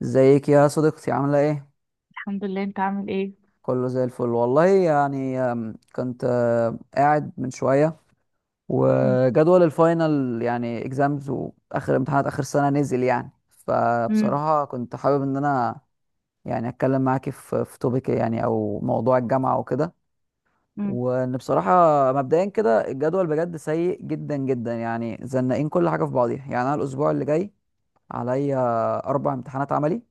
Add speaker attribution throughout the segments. Speaker 1: وازيك يا صديقتي عاملة ايه؟
Speaker 2: الحمد لله. انت عامل ايه؟
Speaker 1: كله زي الفل والله يعني، كنت قاعد من شوية.
Speaker 2: مم.
Speaker 1: وجدول الفاينل يعني اكزامز واخر امتحانات اخر سنة نزل يعني،
Speaker 2: مم.
Speaker 1: فبصراحة كنت حابب ان انا يعني اتكلم معاكي في توبيك يعني او موضوع الجامعة وكده.
Speaker 2: مم.
Speaker 1: وان بصراحة مبدئيا كده الجدول بجد سيء جدا جدا، يعني زنقين كل حاجة في بعضيها. يعني انا الاسبوع اللي جاي عليا 4 امتحانات عملي.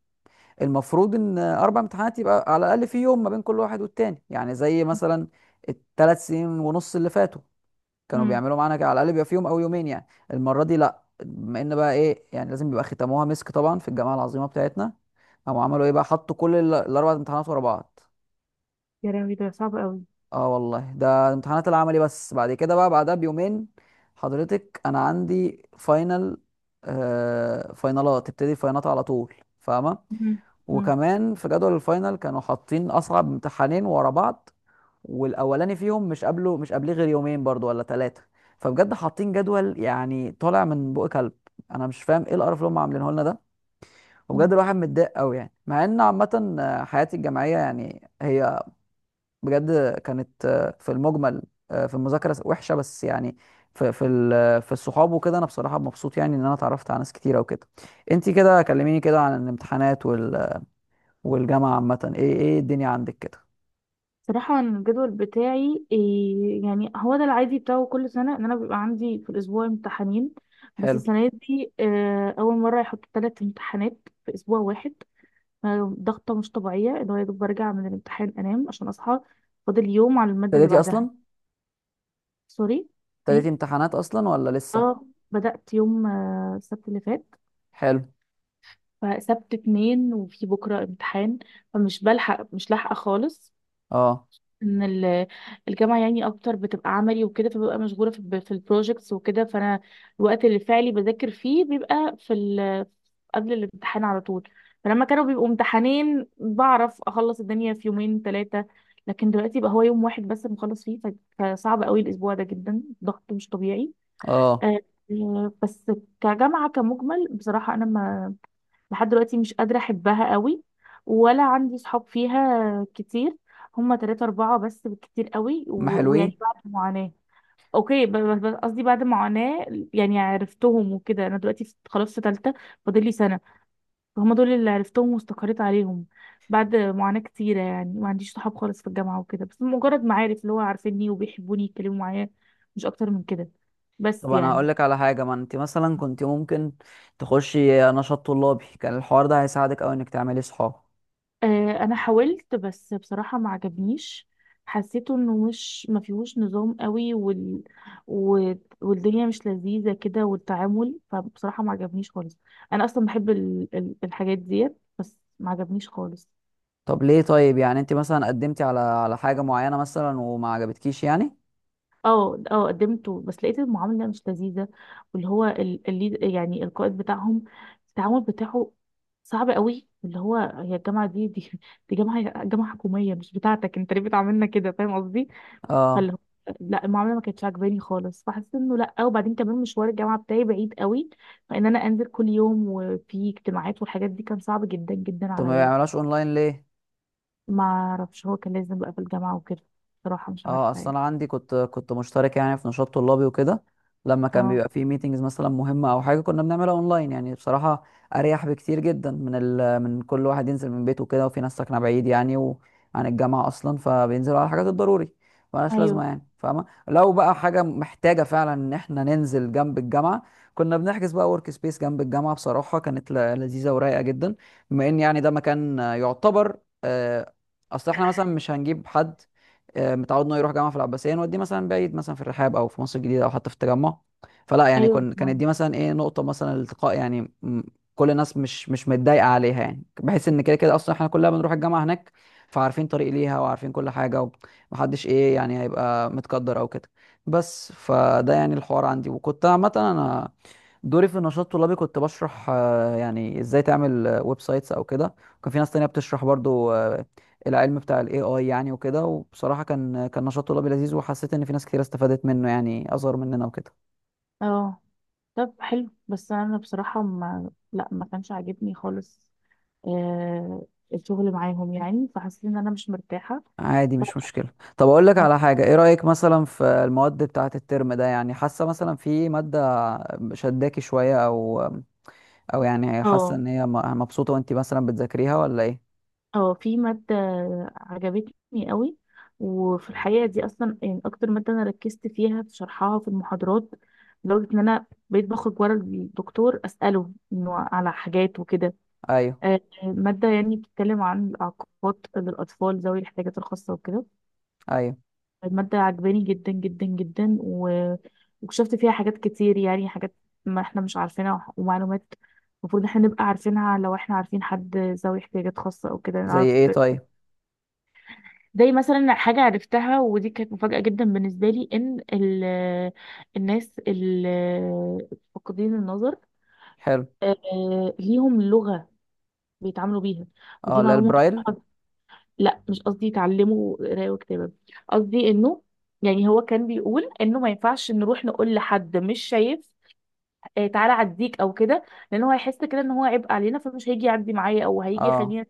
Speaker 1: المفروض ان 4 امتحانات يبقى على الاقل في يوم ما بين كل واحد والتاني، يعني زي مثلا ال3 سنين ونص اللي فاتوا كانوا
Speaker 2: مم.
Speaker 1: بيعملوا معانا كده، على الاقل بيبقى في يوم او يومين يعني. المره دي لا، بما ان بقى ايه يعني لازم بيبقى، ختموها مسك طبعا في الجامعه العظيمه بتاعتنا. او عملوا ايه بقى، حطوا كل ال4 امتحانات ورا بعض.
Speaker 2: يا راوي، ده صعب قوي.
Speaker 1: اه والله ده امتحانات العملي بس، بعد كده بقى بعدها بيومين حضرتك انا عندي فاينل. فاينالات، تبتدي الفاينالات على طول، فاهمه.
Speaker 2: مم. مم.
Speaker 1: وكمان في جدول الفاينل كانوا حاطين اصعب امتحانين ورا بعض، والاولاني فيهم مش قبليه غير يومين برضو ولا ثلاثه. فبجد حاطين جدول يعني طالع من بق كلب. انا مش فاهم ايه القرف اللي هم عاملينه لنا ده. وبجد
Speaker 2: مم.
Speaker 1: الواحد متضايق قوي، يعني مع ان عامه حياتي الجامعيه يعني هي بجد كانت، في المجمل، في المذاكره وحشه، بس يعني في الصحاب وكده انا بصراحه مبسوط يعني ان انا اتعرفت على ناس كتيره وكده. انتي كده كلميني كده عن الامتحانات والجامعة عامة، ايه ايه الدنيا عندك كده؟
Speaker 2: صراحة أنا الجدول بتاعي إيه، يعني هو ده العادي بتاعه كل سنة، ان انا بيبقى عندي في الاسبوع امتحانين. بس
Speaker 1: حلو.
Speaker 2: السنة دي اول مرة يحطوا ثلاث امتحانات في اسبوع واحد. ضغطة مش طبيعية، اللي هو يا دوب برجع من الامتحان انام عشان اصحى فاضل يوم على المادة اللي
Speaker 1: ابتديتي
Speaker 2: بعدها.
Speaker 1: اصلا
Speaker 2: سوري. ايه.
Speaker 1: ابتديتي امتحانات اصلا ولا لسه؟
Speaker 2: اه. بدأت يوم السبت اللي فات.
Speaker 1: حلو.
Speaker 2: فسبت اتنين، وفي بكرة امتحان، فمش بلحق مش لاحقة خالص.
Speaker 1: اه،
Speaker 2: ان ال- الجامعة يعني اكتر بتبقى عملي وكده، فببقى مشغولة في البروجكتس وكده. فانا الوقت اللي فعلي بذاكر فيه بيبقى في ال قبل الامتحان على طول. فلما كانوا بيبقوا امتحانين بعرف اخلص الدنيا في يومين ثلاثة. لكن دلوقتي بقى هو يوم واحد بس مخلص فيه، فصعب قوي الاسبوع ده، جدا ضغط مش طبيعي.
Speaker 1: اه،
Speaker 2: آه، بس كجامعة كمجمل، بصراحة انا لحد دلوقتي مش قادرة أحبها قوي. ولا عندي صحاب فيها كتير. هما تلاتة أربعة بس بالكتير قوي،
Speaker 1: ما حلوين.
Speaker 2: ويعني بعد معاناة. أوكي قصدي بعد معاناة. يعني عرفتهم وكده، أنا دلوقتي خلاص في تالتة، فاضل لي سنة. فهم دول اللي عرفتهم واستقريت عليهم بعد معاناة كتيرة. يعني ما عنديش صحاب خالص في الجامعة وكده، بس مجرد معارف اللي هو عارفيني وبيحبوني يتكلموا معايا، مش أكتر من كده.
Speaker 1: طب
Speaker 2: بس
Speaker 1: انا
Speaker 2: يعني
Speaker 1: هقول لك على حاجة، ما انت مثلا كنت ممكن تخشي نشاط طلابي، كان الحوار ده هيساعدك قوي انك تعملي صحاب.
Speaker 2: انا حاولت، بس بصراحه ما عجبنيش. حسيته انه مش ما فيهوش نظام قوي، و- والدنيا مش لذيذه كده، والتعامل. فبصراحه ما عجبنيش خالص. انا اصلا بحب الحاجات ديت، بس ما عجبنيش خالص.
Speaker 1: طب ليه؟ طيب يعني انت مثلا قدمتي على حاجة معينة مثلا وما عجبتكيش يعني؟
Speaker 2: اه، اه، قدمته بس لقيت المعامله مش لذيذه. واللي هو يعني القائد بتاعهم، التعامل بتاعه صعب قوي. اللي هو هي الجامعه دي، دي جامعه حكوميه، مش بتاعتك انت، ليه بتعاملنا كده؟ فاهم قصدي.
Speaker 1: اه.
Speaker 2: فاللي هو، لا المعامله ما كانتش عاجباني خالص. فحسيت انه لا. وبعدين كمان مشوار الجامعه بتاعي بعيد قوي، فان انا انزل كل يوم وفي اجتماعات والحاجات دي، كان صعب جدا جدا
Speaker 1: طب ما
Speaker 2: عليا.
Speaker 1: بيعملهاش اونلاين ليه؟
Speaker 2: ما اعرفش، هو كان لازم بقى في الجامعه وكده. بصراحه مش
Speaker 1: اه،
Speaker 2: عارفه
Speaker 1: اصل
Speaker 2: يعني.
Speaker 1: انا عندي، كنت مشترك يعني في نشاط طلابي وكده. لما كان
Speaker 2: اه.
Speaker 1: بيبقى فيه ميتينجز مثلا مهمه او حاجه كنا بنعملها اونلاين، يعني بصراحه اريح بكتير جدا من كل واحد ينزل من بيته وكده، وفي ناس ساكنه بعيد يعني وعن الجامعه اصلا فبينزلوا على الحاجات الضروري. ملهاش لازمه
Speaker 2: ايوه.
Speaker 1: يعني، فاهمه، لو بقى حاجه محتاجه فعلا ان احنا ننزل جنب الجامعه، كنا بنحجز بقى ورك سبيس جنب الجامعه. بصراحه كانت لذيذه ورايقه جدا، بما ان يعني ده مكان يعتبر، آه، اصل احنا مثلا مش هنجيب حد متعود انه يروح جامعه في العباسيه نوديه مثلا، بعيد مثلا في الرحاب او في مصر الجديده او حتى في التجمع. فلا يعني،
Speaker 2: ايوه.
Speaker 1: كانت
Speaker 2: نعم.
Speaker 1: دي مثلا ايه نقطه مثلا الالتقاء، يعني كل الناس مش متضايقه عليها، يعني بحيث ان كده كده اصلا احنا كلنا بنروح الجامعه هناك، فعارفين طريق ليها وعارفين كل حاجه، ومحدش ايه يعني هيبقى متقدر او كده. بس فده يعني الحوار عندي. وكنت عامه انا دوري في النشاط الطلابي كنت بشرح، يعني ازاي تعمل ويب سايتس او كده. وكان في ناس تانية بتشرح برضو العلم بتاع الاي اي يعني وكده. وبصراحة كان نشاط طلابي لذيذ، وحسيت ان في ناس كتير استفادت منه يعني اصغر مننا وكده.
Speaker 2: اه. طب حلو، بس انا بصراحه ما كانش عاجبني خالص. آه الشغل معاهم، يعني فحسيت ان انا مش مرتاحه.
Speaker 1: عادي، مش مشكلة. طب اقول لك
Speaker 2: اه،
Speaker 1: على حاجة، ايه رأيك مثلا في المواد بتاعة الترم ده؟ يعني حاسة مثلا في مادة شداكي شوية، او يعني حاسة
Speaker 2: اه،
Speaker 1: ان هي مبسوطة وانت مثلا بتذاكريها ولا ايه؟
Speaker 2: اه، في مادة عجبتني قوي. وفي الحقيقة دي أصلا يعني أكتر مادة أنا ركزت فيها في شرحها في المحاضرات، لدرجة إن أنا بقيت بخرج ورا الدكتور أسأله إنه على حاجات وكده.
Speaker 1: ايوه،
Speaker 2: مادة يعني بتتكلم عن الإعاقات للأطفال ذوي الاحتياجات الخاصة وكده.
Speaker 1: ايوه.
Speaker 2: المادة عجباني جدا جدا جدا، واكتشفت فيها حاجات كتير، يعني حاجات ما إحنا مش عارفينها، ومعلومات المفروض إحنا نبقى عارفينها لو إحنا عارفين حد ذوي احتياجات خاصة أو كده
Speaker 1: زي
Speaker 2: نعرف.
Speaker 1: ايه طيب؟
Speaker 2: زي مثلا حاجة عرفتها، ودي كانت مفاجأة جدا بالنسبة لي، إن الناس اللي فاقدين النظر
Speaker 1: حلو.
Speaker 2: ليهم لغة بيتعاملوا بيها.
Speaker 1: اه،
Speaker 2: ودي
Speaker 1: لا
Speaker 2: معلومة
Speaker 1: البرايل.
Speaker 2: بصراحة. لا مش قصدي يتعلموا قراية وكتابة، قصدي إنه، يعني هو كان بيقول إنه ما ينفعش نروح نقول لحد مش شايف تعالى عديك أو كده. لأن هو هيحس كده إن هو عبء علينا، فمش هيجي يعدي معايا أو هيجي
Speaker 1: اه،
Speaker 2: يخليني.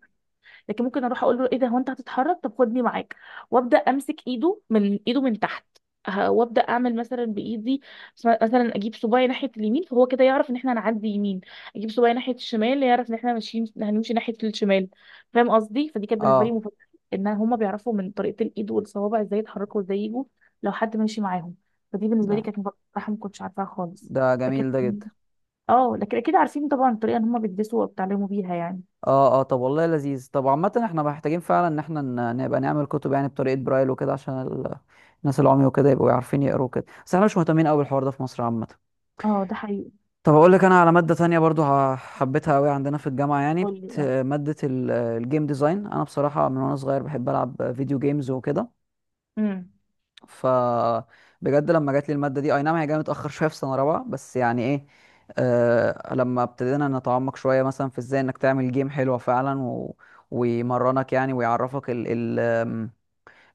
Speaker 2: لكن ممكن اروح اقول له ايه ده، هو انت هتتحرك؟ طب خدني معاك. وابدا امسك ايده من ايده من تحت. وابدا اعمل مثلا بايدي، مثلا اجيب صباعي ناحيه اليمين، فهو كده يعرف ان احنا هنعدي يمين. اجيب صباعي ناحيه الشمال، يعرف ان احنا ماشيين هنمشي ناحيه الشمال. فاهم قصدي؟ فدي كانت بالنسبه لي
Speaker 1: اه.
Speaker 2: مفاجاه. ان هما بيعرفوا من طريقه الايد والصوابع ازاي يتحركوا وازاي يجوا لو حد ماشي معاهم. فدي بالنسبه لي
Speaker 1: ده
Speaker 2: كانت مفاجاه، بصراحه ما كنتش عارفاها خالص.
Speaker 1: ده
Speaker 2: لكن
Speaker 1: جميل ده جدا.
Speaker 2: اه لكن اكيد عارفين طبعا الطريقه ان هما بيدرسوا وبيتعلموا بيها يعني.
Speaker 1: اه، اه. طب والله لذيذ. طب عامة احنا محتاجين فعلا ان احنا نبقى نعمل كتب يعني بطريقة برايل وكده، عشان الناس العمي وكده يبقوا عارفين يقروا كده. بس احنا مش مهتمين قوي بالحوار ده في مصر عامة.
Speaker 2: اه، ده حقيقي.
Speaker 1: طب اقول لك انا على مادة تانية برضو حبيتها قوي عندنا في الجامعة، يعني
Speaker 2: قولي، اه.
Speaker 1: مادة الجيم ديزاين. انا بصراحة من وانا صغير بحب العب فيديو جيمز وكده.
Speaker 2: امم.
Speaker 1: ف بجد لما جات لي الماده دي، اي نعم هي جايه متاخر شويه في سنه رابعه، بس يعني ايه، لما ابتدينا نتعمق شويه مثلا في ازاي انك تعمل جيم حلوه فعلا ويمرنك يعني ويعرفك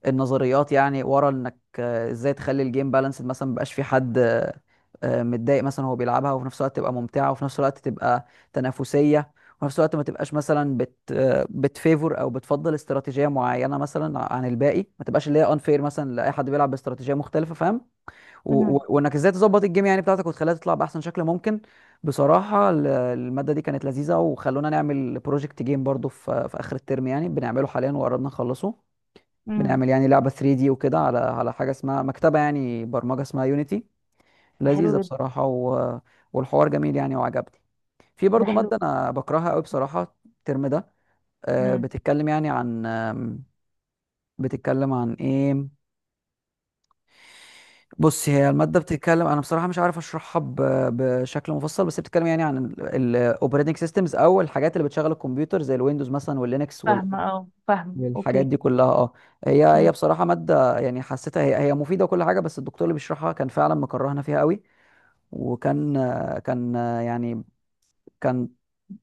Speaker 1: النظريات، يعني ورا انك ازاي تخلي الجيم بالانسد مثلا مبقاش في حد متضايق مثلا وهو بيلعبها، وفي نفس الوقت تبقى ممتعه، وفي نفس الوقت تبقى تنافسيه، وفي نفس الوقت ما تبقاش مثلا بت آه، بتفيفور او بتفضل استراتيجيه معينه مثلا عن الباقي، ما تبقاش اللي هي انفير مثلا لاي حد بيلعب باستراتيجيه مختلفه، فاهم؟
Speaker 2: امم.
Speaker 1: وانك ازاي تظبط الجيم يعني بتاعتك وتخليها تطلع باحسن شكل ممكن. بصراحه الماده دي كانت لذيذه، وخلونا نعمل بروجكت جيم برضو في اخر الترم، يعني بنعمله حاليا وقربنا نخلصه.
Speaker 2: امم.
Speaker 1: بنعمل يعني لعبة 3 دي وكده، على حاجة اسمها مكتبة يعني برمجة اسمها يونيتي،
Speaker 2: ده حلو
Speaker 1: لذيذة
Speaker 2: جدا.
Speaker 1: بصراحة، والحوار جميل يعني وعجبني. في
Speaker 2: ده
Speaker 1: برضو
Speaker 2: حلو.
Speaker 1: مادة أنا بكرهها قوي بصراحة الترم ده،
Speaker 2: امم.
Speaker 1: بتتكلم يعني عن بتتكلم عن إيه؟ بص، هي المادة بتتكلم، أنا بصراحة مش عارف أشرحها بشكل مفصل، بس هي بتتكلم يعني عن الأوبريتنج سيستمز أو الحاجات اللي بتشغل الكمبيوتر زي الويندوز مثلا واللينكس.
Speaker 2: فاهمة
Speaker 1: الحاجات
Speaker 2: اوكي.
Speaker 1: دي كلها اه. هي
Speaker 2: امم.
Speaker 1: بصراحه ماده يعني حسيتها هي مفيده وكل حاجه، بس الدكتور اللي بيشرحها كان فعلا مكرهنا فيها قوي. وكان كان يعني كان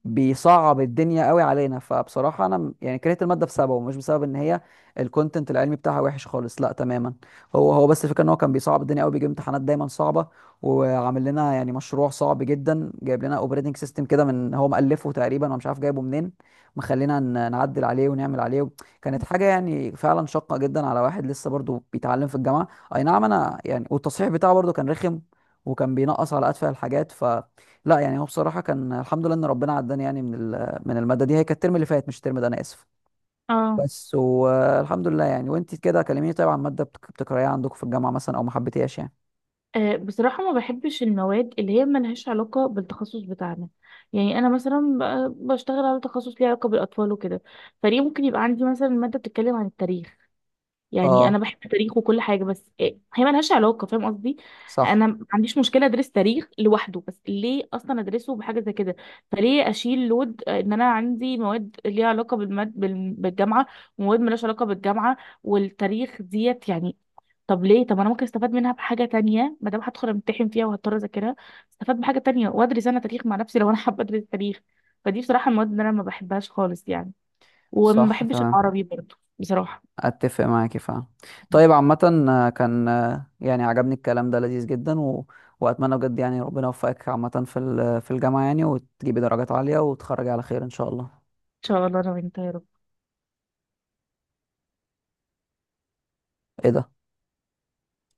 Speaker 1: بيصعب الدنيا قوي علينا، فبصراحة انا يعني كرهت المادة بسببه، ومش بسبب ان هي الكونتنت العلمي بتاعها وحش خالص، لا تماما. هو بس الفكرة ان هو كان بيصعب الدنيا قوي، بيجيب امتحانات دايما صعبة، وعامل لنا يعني مشروع صعب جدا، جايب لنا اوبريتنج سيستم كده من هو مألفه تقريبا ومش عارف جايبه منين، مخلينا نعدل عليه ونعمل عليه. كانت حاجة يعني فعلا شاقة جدا على واحد لسه برضه بيتعلم في الجامعة. اي نعم انا يعني، والتصحيح بتاعه برضه كان رخم، وكان بينقص على ادفع الحاجات، لا يعني هو بصراحة كان الحمد لله إن ربنا عداني يعني من المادة دي. هي كانت الترم اللي فات مش الترم ده، أنا آسف.
Speaker 2: اه.
Speaker 1: بس والحمد لله يعني. وأنت كده كلميني طيب عن مادة بتكرهيها عندكم في الجامعة مثلا، أو ما حبيتيهاش يعني؟
Speaker 2: بصراحة ما بحبش المواد اللي هي ملهاش علاقة بالتخصص بتاعنا. يعني أنا مثلا بشتغل على تخصص ليه علاقة بالأطفال وكده. فليه ممكن يبقى عندي مثلا مادة بتتكلم عن التاريخ؟ يعني
Speaker 1: أه.
Speaker 2: انا بحب التاريخ وكل حاجه، بس إيه، هي ملهاش علاقه، فاهم قصدي. انا
Speaker 1: صح،
Speaker 2: ما عنديش مشكله ادرس تاريخ لوحده، بس ليه اصلا ادرسه بحاجه زي كده. فليه اشيل لود ان انا عندي مواد ليها علاقه بالجامعه، ومواد ملهاش علاقه بالجامعه، والتاريخ ديت يعني. طب ليه؟ طب انا ممكن استفاد منها بحاجه تانية، ما دام هدخل امتحن فيها وهضطر اذاكرها، استفاد بحاجه تانية وادرس انا تاريخ مع نفسي لو انا حابه ادرس تاريخ. فدي بصراحه المواد اللي انا ما بحبهاش خالص يعني. وما
Speaker 1: صح
Speaker 2: بحبش
Speaker 1: تمام،
Speaker 2: العربي برضه بصراحه. ان
Speaker 1: أتفق معاكي فعلا. طيب عامة كان يعني عجبني الكلام ده لذيذ جدا، وأتمنى بجد يعني ربنا يوفقك عامة في الجامعة، يعني وتجيبي درجات عالية وتخرجي على خير إن شاء الله.
Speaker 2: شاء الله انا وانت يا رب.
Speaker 1: إيه ده!